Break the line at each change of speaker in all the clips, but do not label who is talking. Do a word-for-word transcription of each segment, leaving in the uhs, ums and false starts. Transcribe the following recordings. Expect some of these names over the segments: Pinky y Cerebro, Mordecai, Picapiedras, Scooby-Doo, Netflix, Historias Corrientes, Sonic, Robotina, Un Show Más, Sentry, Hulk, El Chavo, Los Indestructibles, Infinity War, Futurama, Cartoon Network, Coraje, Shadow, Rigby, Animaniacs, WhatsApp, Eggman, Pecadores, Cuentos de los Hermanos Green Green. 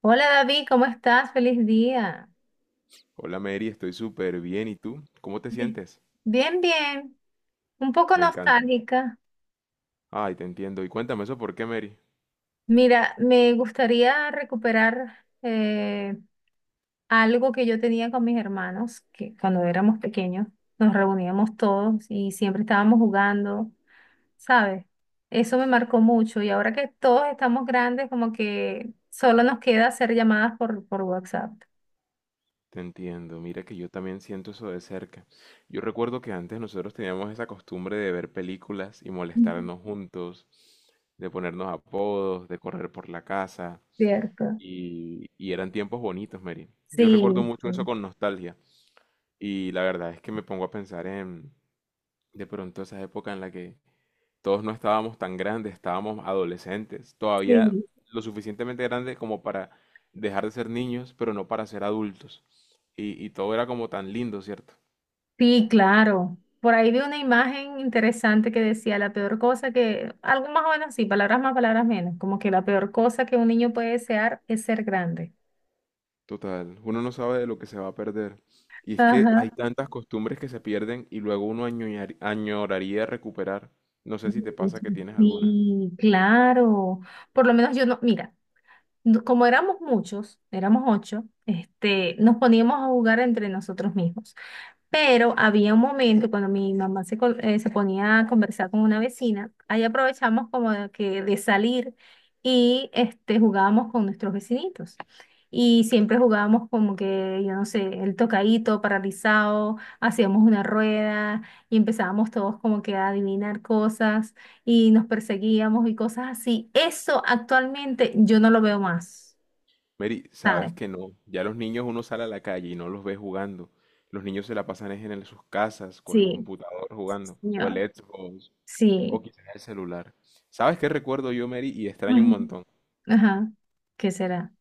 Hola David, ¿cómo estás? Feliz día.
Hola Mary, estoy súper bien. ¿Y tú? ¿Cómo te
Bi-
sientes?
Bien, bien. Un poco
Me encanta.
nostálgica.
Ay, te entiendo. Y cuéntame eso, ¿por qué Mary?
Mira, me gustaría recuperar eh, algo que yo tenía con mis hermanos, que cuando éramos pequeños nos reuníamos todos y siempre estábamos jugando, ¿sabes? Eso me marcó mucho y ahora que todos estamos grandes, como que solo nos queda hacer llamadas por, por WhatsApp.
Te entiendo. Mira que yo también siento eso de cerca. Yo recuerdo que antes nosotros teníamos esa costumbre de ver películas y
Ujú.
molestarnos juntos, de ponernos apodos, de correr por la casa.
Cierto.
Y, y eran tiempos bonitos, Mary. Yo recuerdo
Sí,
mucho eso
sí.
con nostalgia. Y la verdad es que me pongo a pensar en de pronto esa época en la que todos no estábamos tan grandes, estábamos adolescentes, todavía
Sí.
lo suficientemente grandes como para dejar de ser niños, pero no para ser adultos. Y, y todo era como tan lindo, ¿cierto?
Sí, claro. Por ahí vi una imagen interesante que decía la peor cosa que, algo más o menos así, palabras más, palabras menos, como que la peor cosa que un niño puede desear es ser grande.
Total, uno no sabe de lo que se va a perder. Y es que hay
Ajá.
tantas costumbres que se pierden y luego uno añorar- añoraría recuperar. No sé si te pasa
Mucho.
que tienes alguna.
Sí, claro. Por lo menos yo no, mira, no- como éramos muchos, éramos ocho, este, nos poníamos a jugar entre nosotros mismos. Pero había un momento cuando mi mamá se, col- eh, se ponía a conversar con una vecina, ahí aprovechamos como de que de salir y este, jugábamos con nuestros vecinitos. Y siempre jugábamos como que, yo no sé, el tocadito, paralizado, hacíamos una rueda y empezábamos todos como que a adivinar cosas y nos perseguíamos y cosas así. Eso actualmente yo no lo veo más,
Mary,
¿sabes?
sabes que no. Ya los niños uno sale a la calle y no los ve jugando. Los niños se la pasan es en el- sus casas, con el
Sí,
computador
sí,
jugando, o el
señor.
Xbox, o
Sí.
quizás el celular. ¿Sabes qué recuerdo yo, Mary? Y extraño un
Ujú.
montón.
Ajá. ¿Qué será?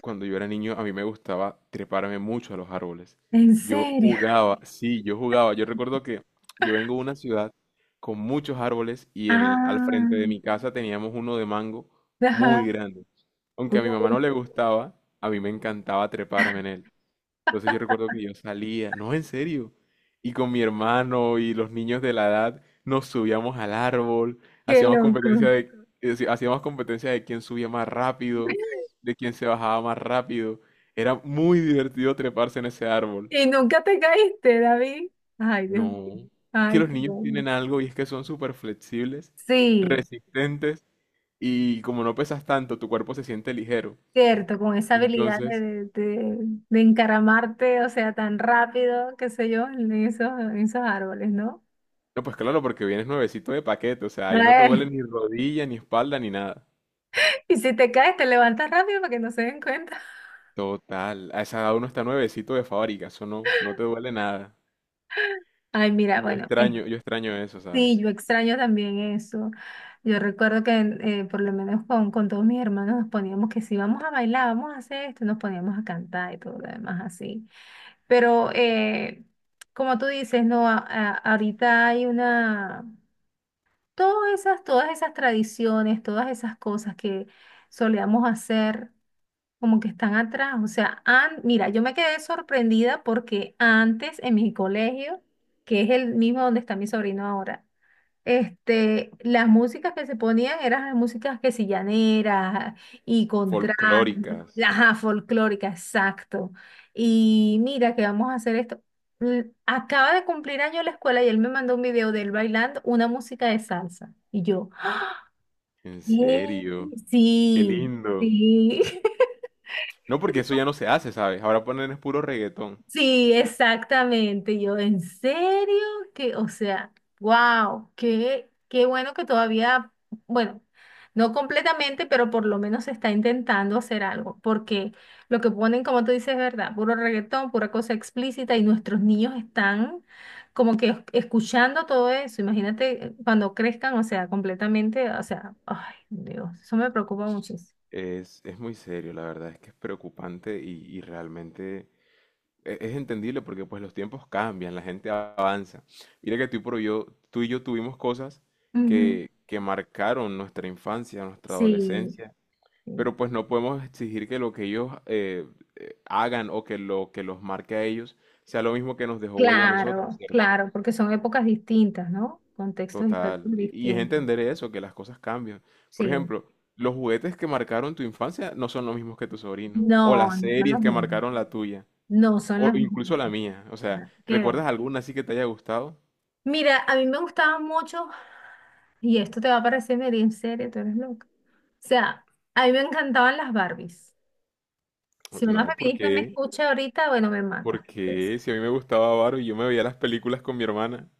Cuando yo era niño, a mí me gustaba treparme mucho a los árboles.
¿En
Yo
serio?
jugaba, sí, yo jugaba. Yo recuerdo que yo vengo de una ciudad con muchos árboles y en- al frente de
Ah,
mi casa teníamos uno de mango muy
ajá.
grande. Aunque a mi mamá
Uy,
no le gustaba, a mí me encantaba treparme en él. Entonces yo recuerdo que yo salía, no, en serio, y con mi hermano y los niños de la edad nos subíamos al árbol,
qué
hacíamos competencia
loco.
de, eh, sí, hacíamos competencia de quién subía más rápido, de quién se bajaba más rápido. Era muy divertido treparse en ese árbol.
¿Y nunca te caíste, David? Ay, Dios mío.
No, es que
Ay,
los
qué
niños
bueno.
tienen algo y es que son súper flexibles,
Sí,
resistentes y como no pesas tanto, tu cuerpo se siente ligero.
cierto, con esa habilidad de,
Entonces,
de, de- de encaramarte, o sea, tan rápido, qué sé yo, en esos, en esos árboles, ¿no?
no, pues claro, porque vienes nuevecito de paquete, o sea, ahí no te duele
Ay,
ni rodilla, ni espalda, ni nada.
y si te caes, te levantas rápido para que no se den cuenta.
Total, a esa edad uno está nuevecito de fábrica, eso no, no te duele nada.
Ay, mira,
Y Yo
bueno,
extraño, yo extraño eso,
sí,
¿sabes?
yo extraño también eso. Yo recuerdo que eh, por lo menos con, con todos mis hermanos nos poníamos que si vamos a bailar, vamos a hacer esto, nos poníamos a cantar y todo lo demás así. Pero eh, como tú dices, no, A- a- ahorita hay una, todas esas, todas esas tradiciones, todas esas cosas que solíamos hacer, como que están atrás. O sea, an- mira, yo me quedé sorprendida porque antes en mi colegio, que es el mismo donde está mi sobrino ahora, este, las músicas que se ponían eran las músicas que si llaneras y con traje,
Folclóricas,
ajá, folclórica, exacto. Y mira que vamos a hacer esto. Mm, Acaba de cumplir año la escuela y él me mandó un video de él bailando una música de salsa. Y yo,
en
¿qué?
serio, qué
Sí,
lindo.
sí.
No, porque eso ya no se hace, ¿sabes? Ahora ponen es puro reggaetón.
Sí, exactamente. Yo, ¿en serio? Que, o sea, wow, qué, qué bueno que todavía, bueno, no completamente, pero por lo menos se está intentando hacer algo, porque lo que ponen, como tú dices, es verdad, puro reggaetón, pura cosa explícita, y nuestros niños están como que es- escuchando todo eso. Imagínate eh, cuando crezcan, o sea, completamente, o sea, ay, Dios, eso me preocupa muchísimo.
Es, es muy serio, la verdad, es que es preocupante y, y realmente e- es entendible porque pues los tiempos cambian, la gente avanza. Mira que tú y, por yo, tú y yo tuvimos cosas
Ujú.
que, que marcaron nuestra infancia, nuestra
Sí.
adolescencia,
Sí.
pero pues no podemos exigir que lo que ellos eh, hagan o que lo que los marque a ellos sea lo mismo que nos dejó huella a nosotros,
Claro,
¿cierto?
claro, porque son épocas distintas, ¿no? Contextos
Total.
históricos
Y y es
distintos.
entender eso, que las cosas cambian. Por
Sí.
ejemplo, los juguetes que marcaron tu infancia no son los mismos que tu sobrino, o
No,
las
no son las
series que
mismas.
marcaron la tuya.
No son
O
las
incluso
mismas.
la mía. O sea,
Nada que ver.
¿recuerdas alguna así que te haya gustado?
Mira, a mí me gustaban mucho, y esto te va a parecer medio en serio, tú eres loca. O sea, a mí me encantaban las Barbies. Si una
No,
feminista me
porque,
escucha ahorita, bueno, me mata pues.
porque si a mí me gustaba Barbie, yo me veía las películas con mi hermana.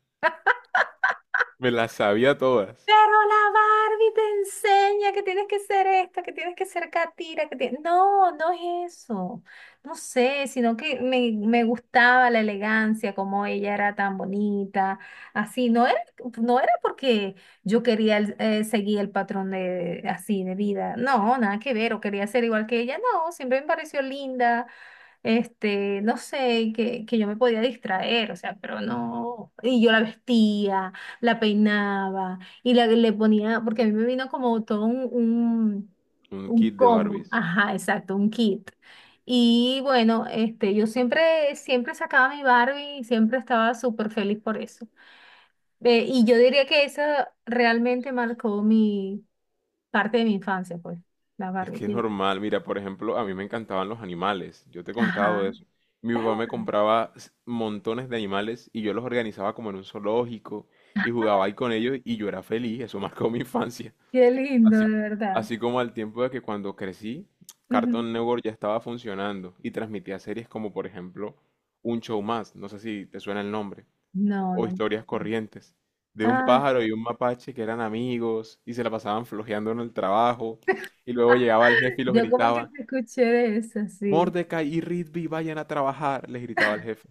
Me las sabía todas.
Pero la Barbie te enseña que tienes que ser esta, que tienes que ser catira, que tienes... No, no es eso. No sé, sino que me, me gustaba la elegancia, como ella era tan bonita, así. No era, no era porque yo quería el- eh, seguir el patrón de, así de vida. No, nada que ver, o quería ser igual que ella. No, siempre me pareció linda, este, no sé, que, que yo me podía distraer, o sea, pero no. Y yo la vestía, la peinaba y la, le ponía, porque a mí me vino como todo un, un,
Un
un
kit de
combo,
Barbies.
ajá, exacto, un kit. Y bueno, este, yo siempre, siempre sacaba mi Barbie y siempre estaba súper feliz por eso. Eh, y yo diría que eso realmente marcó mi parte de mi infancia, pues, la
Es que es
Barbie.
normal. Mira, por ejemplo, a mí me encantaban los animales. Yo te he
Ajá.
contado eso. Mi papá me compraba s- montones de animales y yo los organizaba como en un zoológico y jugaba ahí con ellos y yo era feliz. Eso marcó mi infancia.
Qué lindo,
Así,
de verdad.
así como al tiempo de que cuando crecí,
Ujú.
Cartoon Network ya estaba funcionando y transmitía series como por ejemplo Un Show Más, no sé si te suena el nombre,
No,
o
no.
Historias Corrientes, de un
Ah,
pájaro y un mapache que eran amigos y se la pasaban flojeando en el trabajo y luego llegaba el jefe y los
yo como que
gritaba,
te escuché de eso, sí.
Mordecai y Rigby vayan a trabajar, les gritaba el jefe.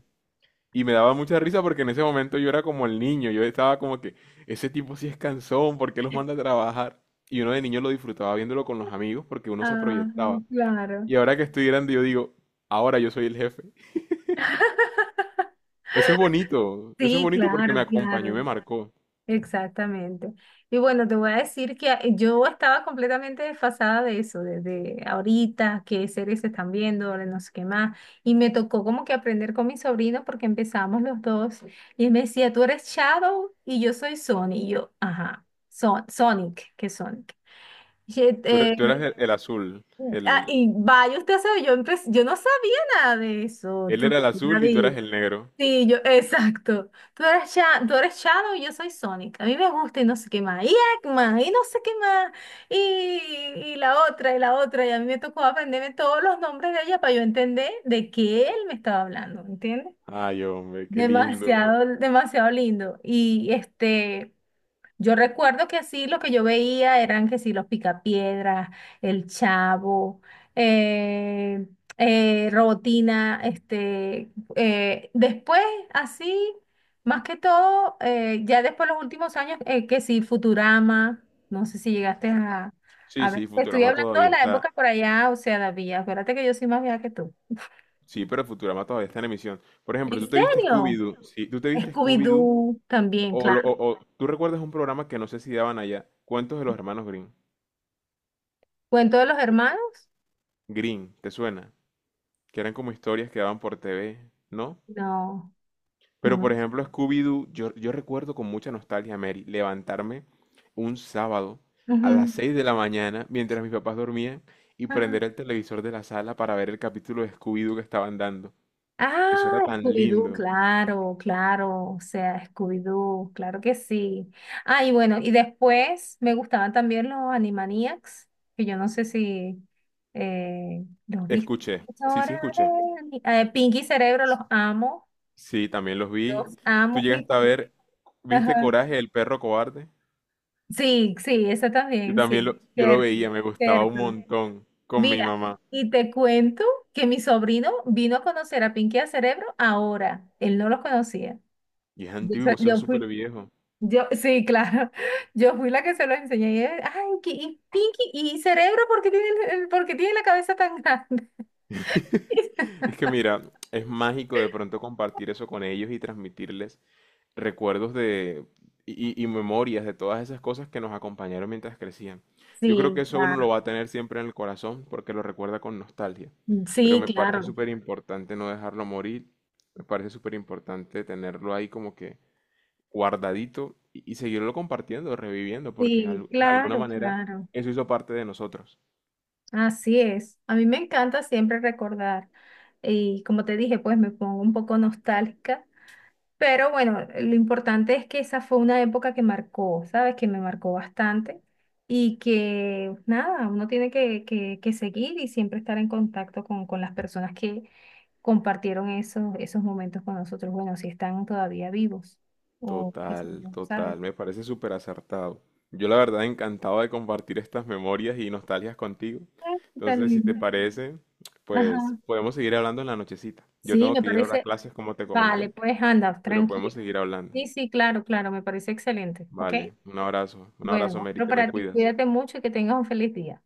Y me daba mucha risa porque en ese momento yo era como el niño, yo estaba como que, ese tipo sí es cansón, ¿por qué los manda a trabajar? Y uno de niño lo disfrutaba viéndolo con los amigos porque uno se proyectaba.
Ay, claro.
Y ahora que estoy grande yo digo, ahora yo soy el jefe. Eso es bonito, eso es
Sí,
bonito porque
claro,
me acompañó y
claro.
me marcó.
Exactamente. Y bueno, te voy a decir que yo estaba completamente desfasada de eso, desde ahorita, qué series se están viendo, ahora no sé qué más. Y me tocó como que aprender con mi sobrino porque empezamos los dos. Y él me decía, tú eres Shadow y yo soy Sonic. Y yo, ajá, Son Sonic, ¿qué es Sonic?
Tú, er- tú eras el, el azul,
Ah,
el,
y vaya, usted sabe, yo empe- yo no sabía nada de eso,
él
tú,
era el azul y tú
David.
eras el negro.
Sí, yo, exacto. Tú eres, Sha- tú eres Shadow y yo soy Sonic. A mí me gusta y no sé qué más. Y Eggman, y no sé qué más. Y, y la otra, y la otra. Y a mí me tocó aprenderme todos los nombres de ella para yo entender de qué él me estaba hablando, ¿entiendes?
Ay, hombre, qué lindo.
Demasiado, demasiado lindo. Y este. Yo recuerdo que así lo que yo veía eran que sí, los Picapiedras, El Chavo, eh, eh, Robotina, este, eh, después así, más que todo, eh, ya después los últimos años, eh, que sí, Futurama, no sé si llegaste a,
Sí,
a ver,
sí,
te estoy
Futurama
hablando
todavía
de la
está.
época por allá, o sea, David, acuérdate que yo soy más vieja que tú.
Sí, pero Futurama todavía está en emisión. Por ejemplo,
¿En
tú te viste
serio?
Scooby-Doo. Sí, tú te viste Scooby-Doo.
Scooby-Doo también,
O,
claro.
lo- o- o- tú recuerdas un programa que no sé si daban allá, Cuentos de los Hermanos Green
¿Cuento de los hermanos?
Green, ¿te suena? Que eran como historias que daban por T V, ¿no?
No,
Pero
no.
por ejemplo, Scooby-Doo, yo, yo recuerdo con mucha nostalgia, Mary, levantarme un sábado a
Ujú.
las seis de la mañana mientras mis papás dormían y
Ajá.
prender el televisor de la sala para ver el capítulo de Scooby-Doo que estaban dando. Eso era
Ah,
tan
Scooby-Doo,
lindo.
claro, claro, o sea, Scooby-Doo, claro que sí. Ah, y bueno, y después me gustaban también los Animaniacs, que yo no sé si eh, los viste.
Escuché,
Es
sí,
hora
sí,
de
escuché.
ani- eh, Pinky y Cerebro, los amo,
Sí, también los vi.
los
Tú
amo, mi
llegaste a
favor-
ver, ¿viste
Ajá.
Coraje, el perro cobarde?
Sí, sí, esa
Yo
también,
también
sí,
lo, yo lo
cierto,
veía, me gustaba un
cierto.
montón con mi
Mira,
mamá.
y te cuento que mi sobrino vino a conocer a Pinky y a Cerebro ahora, él no los conocía.
Y es
Yo,
antiguo,
soy-
eso es
yo
súper
fui
viejo.
Yo, sí, claro. Yo fui la que se lo enseñé. Y él, ay, que- y Pinky, y cerebro, ¿por qué tiene, el- el- por qué tiene la cabeza tan grande?
Es que mira, es mágico de pronto compartir eso con ellos y transmitirles recuerdos de y, y- y memorias de todas esas cosas que nos acompañaron mientras crecían. Yo creo
Sí,
que eso uno
claro.
lo va a tener siempre en el corazón porque lo recuerda con nostalgia. Pero
Sí,
me parece
claro.
súper importante no dejarlo morir. Me parece súper importante tenerlo ahí como que guardadito y, y seguirlo compartiendo, reviviendo, porque
Sí,
al- en alguna
claro,
manera
claro.
eso hizo parte de nosotros.
Así es. A mí me encanta siempre recordar. Y como te dije, pues me pongo un poco nostálgica. Pero bueno, lo importante es que esa fue una época que marcó, ¿sabes? Que me marcó bastante y que nada, uno tiene que, que, que seguir y siempre estar en contacto con, con las personas que compartieron esos, esos momentos con nosotros. Bueno, si están todavía vivos o qué sé
Total,
yo, ¿sabes?
total, me parece súper acertado. Yo la verdad encantado de compartir estas memorias y nostalgias contigo.
Ah, qué tal,
Entonces, si te
niño.
parece, pues
Ajá.
podemos seguir hablando en la nochecita. Yo
Sí,
tengo
me
que ir ahora a
parece.
clases, como te
Vale,
comenté,
pues anda,
pero podemos
tranquilo.
seguir hablando.
Sí, sí, claro, claro, me parece excelente. ¿Ok?
Vale, un abrazo, un abrazo,
Bueno,
Mary,
otro
te me
para ti.
cuidas.
Cuídate mucho y que tengas un feliz día.